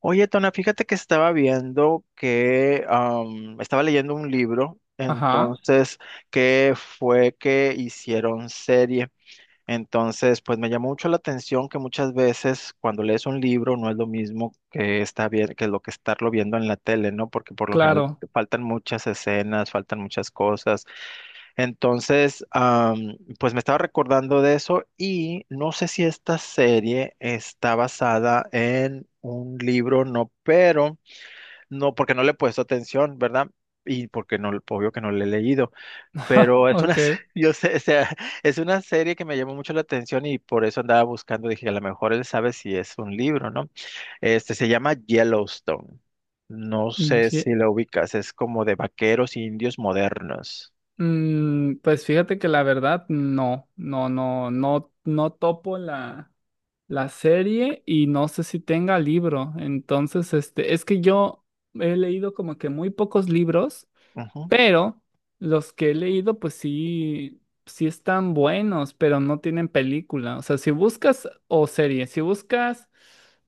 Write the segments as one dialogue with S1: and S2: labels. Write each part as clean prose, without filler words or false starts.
S1: Oye, Tona, fíjate que estaba viendo que estaba leyendo un libro,
S2: Ajá,
S1: entonces, que fue que hicieron serie. Entonces, pues me llamó mucho la atención que muchas veces cuando lees un libro no es lo mismo que está bien, que lo que estarlo viendo en la tele, ¿no? Porque por lo general
S2: claro.
S1: faltan muchas escenas, faltan muchas cosas, entonces, pues me estaba recordando de eso y no sé si esta serie está basada en un libro, no, pero no, porque no le he puesto atención, ¿verdad? Y porque no, obvio que no le he leído, pero es una,
S2: Ok.
S1: yo sé, o sea, es una serie que me llamó mucho la atención y por eso andaba buscando, dije, a lo mejor él sabe si es un libro, ¿no? Este se llama Yellowstone. No sé
S2: Ye-
S1: si lo ubicas, es como de vaqueros indios modernos.
S2: pues fíjate que la verdad, no, no, no, no, no topo la serie y no sé si tenga libro. Entonces, este, es que yo he leído como que muy pocos libros.
S1: Ujú,
S2: Pero los que he leído, pues sí, sí están buenos, pero no tienen película. O sea, si buscas, o serie, si buscas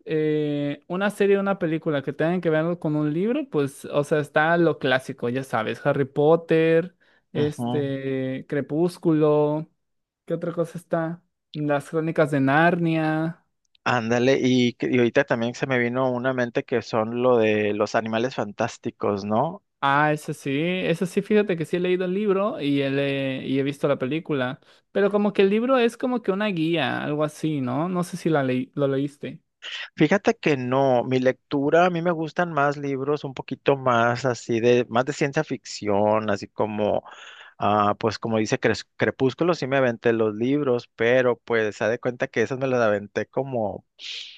S2: una serie o una película que tengan que ver con un libro, pues, o sea, está lo clásico, ya sabes, Harry Potter,
S1: ujú.
S2: este, Crepúsculo, ¿qué otra cosa está? Las Crónicas de Narnia.
S1: Ándale, y, y ahorita también se me vino una mente que son lo de los animales fantásticos, ¿no?
S2: Ah, ese sí, fíjate que sí he leído el libro y he visto la película, pero como que el libro es como que una guía, algo así, ¿no? No sé si lo leíste.
S1: Fíjate que no, mi lectura, a mí me gustan más libros un poquito más así de, más de ciencia ficción, así como, ah, pues como dice Crepúsculo, sí me aventé los libros, pero pues se de cuenta que esos me los aventé como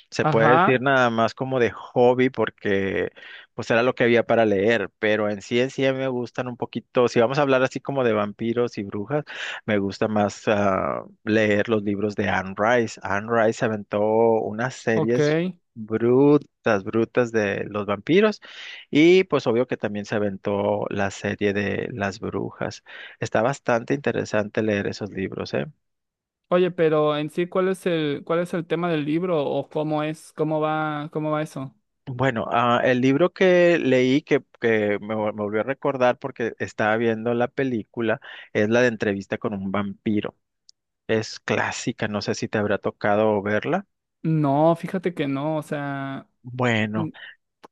S1: se puede decir
S2: Ajá,
S1: nada más como de hobby porque pues era lo que había para leer, pero en sí a mí me gustan un poquito, si vamos a hablar así como de vampiros y brujas, me gusta más leer los libros de Anne Rice. Anne Rice aventó unas
S2: ok.
S1: series brutas, brutas de los vampiros y pues obvio que también se aventó la serie de las brujas. Está bastante interesante leer esos libros, ¿eh?
S2: Oye, pero en sí, ¿cuál es el tema del libro o cómo es, cómo va eso?
S1: Bueno, ah, el libro que leí que me volvió a recordar porque estaba viendo la película es la de Entrevista con un vampiro. Es clásica, no sé si te habrá tocado verla.
S2: No, fíjate que no, o sea, mm,
S1: Bueno,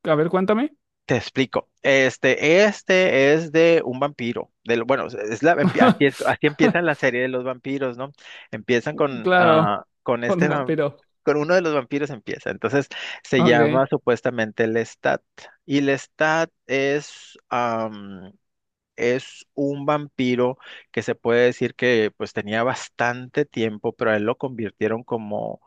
S2: a ver, cuéntame.
S1: te explico. Este es de un vampiro. Del, bueno, es la, así es, así empieza la serie de los vampiros, ¿no? Empiezan con,
S2: Claro,
S1: ah, con
S2: con
S1: este,
S2: un vampiro.
S1: con uno de los vampiros empieza. Entonces se
S2: Ok.
S1: llama supuestamente Lestat. Y Lestat es un vampiro que se puede decir que pues tenía bastante tiempo, pero a él lo convirtieron como,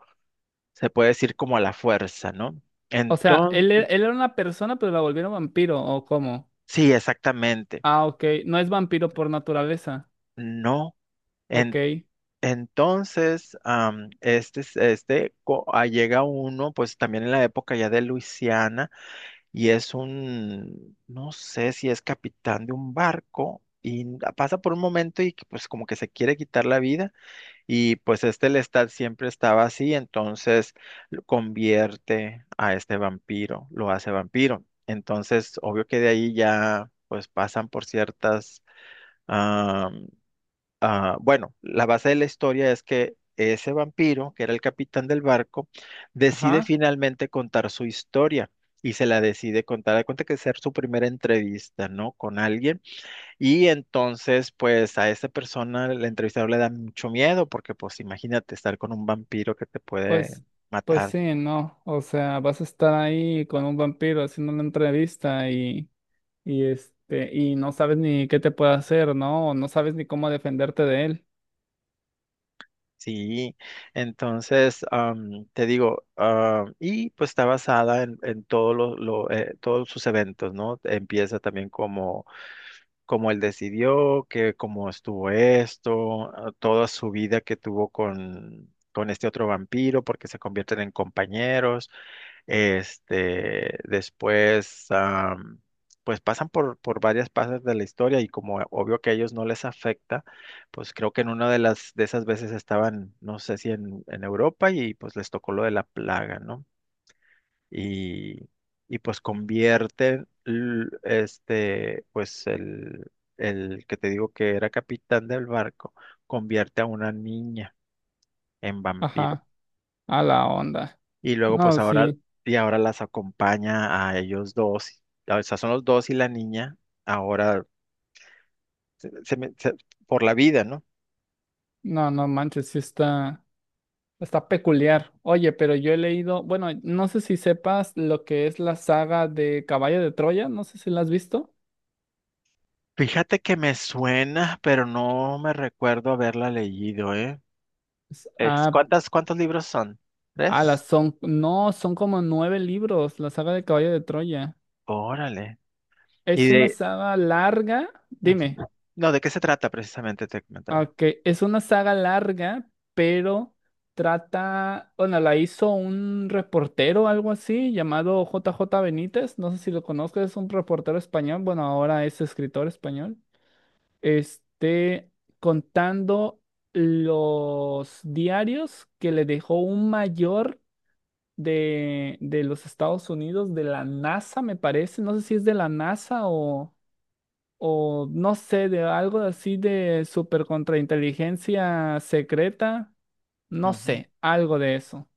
S1: se puede decir como a la fuerza, ¿no?
S2: O sea, él,
S1: Entonces,
S2: e- él era una persona, pero la volvieron vampiro, ¿o cómo?
S1: sí, exactamente.
S2: Ah, ok. No es vampiro por naturaleza.
S1: No. En-
S2: Ok.
S1: entonces, am, este, es- este co- ah, llega uno, pues también en la época ya de Luisiana, y es un, no sé si es capitán de un barco, y pasa por un momento y que, pues como que se quiere quitar la vida. Y pues este Lestat siempre estaba así, entonces lo convierte a este vampiro, lo hace vampiro. Entonces, obvio que de ahí ya pues pasan por ciertas... ah, bueno, la base de la historia es que ese vampiro, que era el capitán del barco, decide
S2: Ajá.
S1: finalmente contar su historia y se la decide contar. Da cuenta que ser su primera entrevista, ¿no? Con alguien y entonces, pues a esa persona, el entrevistador le da mucho miedo porque, pues imagínate estar con un vampiro que te puede
S2: Pues, pues
S1: matar.
S2: sí, no. O sea, vas a estar ahí con un vampiro haciendo una entrevista y este, y no sabes ni qué te puede hacer, ¿no? O no sabes ni cómo defenderte de él.
S1: Sí, entonces, te digo, ah, y pues está basada en todo todos sus eventos, ¿no? Empieza también como, como él decidió, que cómo estuvo esto, ah, toda su vida que tuvo con este otro vampiro, porque se convierten en compañeros. Este, después, pues pasan por varias fases de la historia y como obvio que a ellos no les afecta, pues creo que en una de las de esas veces estaban, no sé si en, en Europa y pues les tocó lo de la plaga, ¿no? Y, y pues convierten este, pues el que te digo que era capitán del barco, convierte a una niña en vampiro.
S2: Ajá. A la onda.
S1: Y luego, pues
S2: No,
S1: ahora,
S2: sí.
S1: y ahora las acompaña a ellos dos. O sea, son los dos y la niña ahora se- se me- se- por la vida, ¿no?
S2: No, no manches, sí está peculiar. Oye, pero yo he leído, bueno, no sé si sepas lo que es la saga de Caballo de Troya, no sé si la has visto.
S1: Fíjate que me suena, pero no me recuerdo haberla leído, ¿eh?
S2: S-
S1: Es,
S2: Ah,
S1: ¿cuántas, cuántos libros son? ¿Tres?
S2: No, son como nueve libros, la saga de Caballo de Troya.
S1: Órale. Y
S2: Es una
S1: de...
S2: saga larga,
S1: ujú.
S2: dime,
S1: No, ¿de qué se trata precisamente? Te comentaba.
S2: ok, es una saga larga, pero trata, bueno, la hizo un reportero, algo así, llamado J. J. Benítez, no sé si lo conozcas, es un reportero español, bueno, ahora es escritor español, este, contando los diarios que le dejó un mayor de los Estados Unidos, de la NASA, me parece. No sé si es de la NASA o no sé, de algo así de super contrainteligencia secreta. No
S1: Ujú.
S2: sé, algo de eso.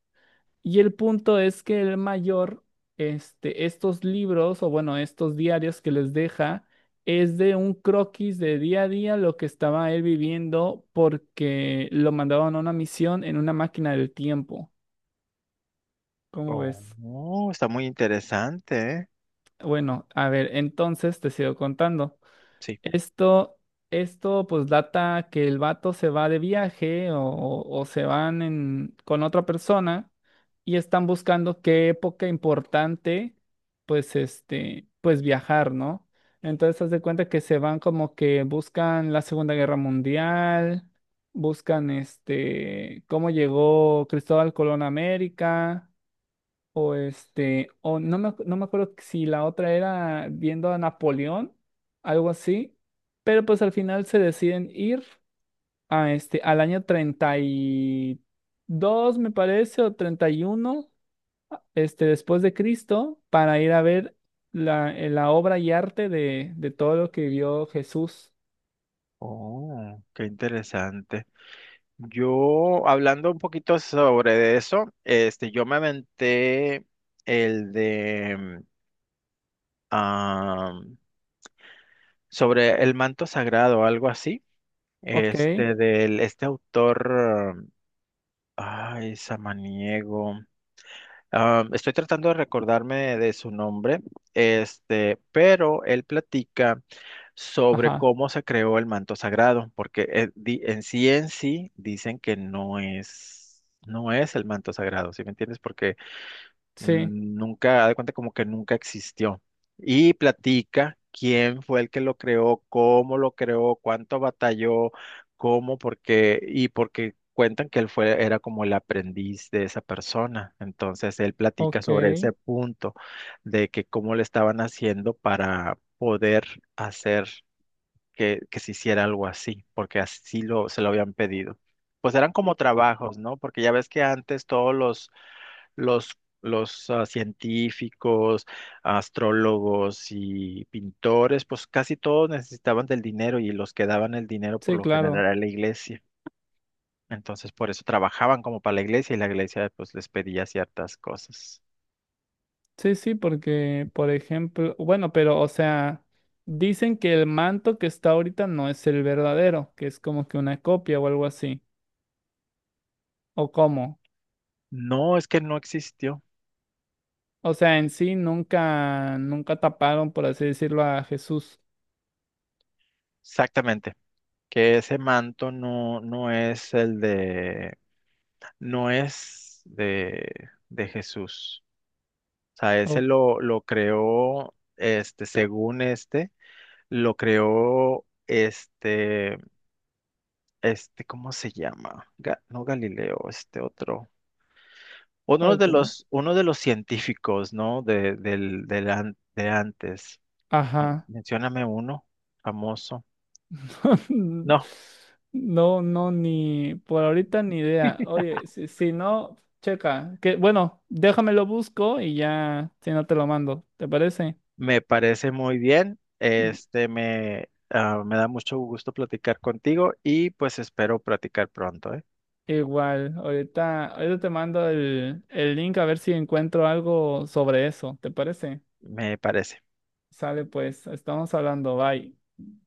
S2: Y el punto es que el mayor, este, estos libros, o bueno, estos diarios que les deja, es de un croquis de día a día lo que estaba él viviendo porque lo mandaban a una misión en una máquina del tiempo. ¿Cómo ves?
S1: Oh, está muy interesante, ¿eh?
S2: Bueno, a ver, entonces te sigo contando.
S1: Sí.
S2: Esto, esto pues data que el vato se va de viaje o se van con otra persona y están buscando qué época importante, pues este, pues viajar, ¿no? Entonces haz de cuenta que se van como que buscan la Segunda Guerra Mundial, buscan este, cómo llegó Cristóbal Colón a América o este, o no me acuerdo si la otra era viendo a Napoleón, algo así, pero pues al final se deciden ir a este, al año 32 me parece, o 31 este, después de Cristo, para ir a ver la obra y arte de todo lo que vio Jesús.
S1: Oh, qué interesante. Yo, hablando un poquito sobre eso, este, yo me aventé el de ah, sobre el manto sagrado, algo así,
S2: Ok,
S1: este, del, este autor, ah, ay, Samaniego. Am, estoy tratando de recordarme de su nombre, este, pero él platica sobre
S2: ajá,
S1: cómo se creó el manto sagrado, porque en sí dicen que no es, no es el manto sagrado, ¿sí me entiendes? Porque
S2: sí,
S1: Nunca, haz de cuenta como que nunca existió. Y platica quién fue el que lo creó, cómo lo creó, cuánto batalló, cómo, por qué, y porque cuentan que él fue, era como el aprendiz de esa persona. Entonces él platica
S2: ok,
S1: sobre ese punto de que cómo le estaban haciendo para poder hacer que se hiciera algo así, porque así lo, se lo habían pedido. Pues eran como trabajos, ¿no? Porque ya ves que antes todos los, los científicos, astrólogos y pintores, pues casi todos necesitaban del dinero y los que daban el dinero por
S2: sí,
S1: lo general
S2: claro.
S1: a la iglesia. Entonces por eso trabajaban como para la iglesia y la iglesia pues les pedía ciertas cosas.
S2: Sí, sí, porque, por ejemplo, bueno, pero, o sea, dicen que el manto que está ahorita no es el verdadero, que es como que una copia o algo así, o cómo.
S1: No, es que no existió.
S2: O sea, en sí nunca, nunca taparon, por así decirlo, a Jesús.
S1: Exactamente. Que ese manto no, no es el de, no es de Jesús. O sea, ese
S2: ¿O
S1: lo creó, este, según este, lo creó este, este, ¿cómo se llama? No Galileo, este otro.
S2: cuál tú?
S1: Uno de los científicos, ¿no? De, del, de antes.
S2: Ajá.
S1: Mencióname uno famoso. No,
S2: No, no, ni por ahorita ni idea. Oye, si no, checa. Que, bueno, déjamelo busco y ya, si no te lo mando, ¿te parece?
S1: me parece muy bien. Este, me, me da mucho gusto platicar contigo y pues espero platicar pronto, ¿eh?
S2: Igual, ahorita te mando el link a ver si encuentro algo sobre eso, ¿te parece?
S1: Me parece.
S2: Sale pues, estamos hablando, bye.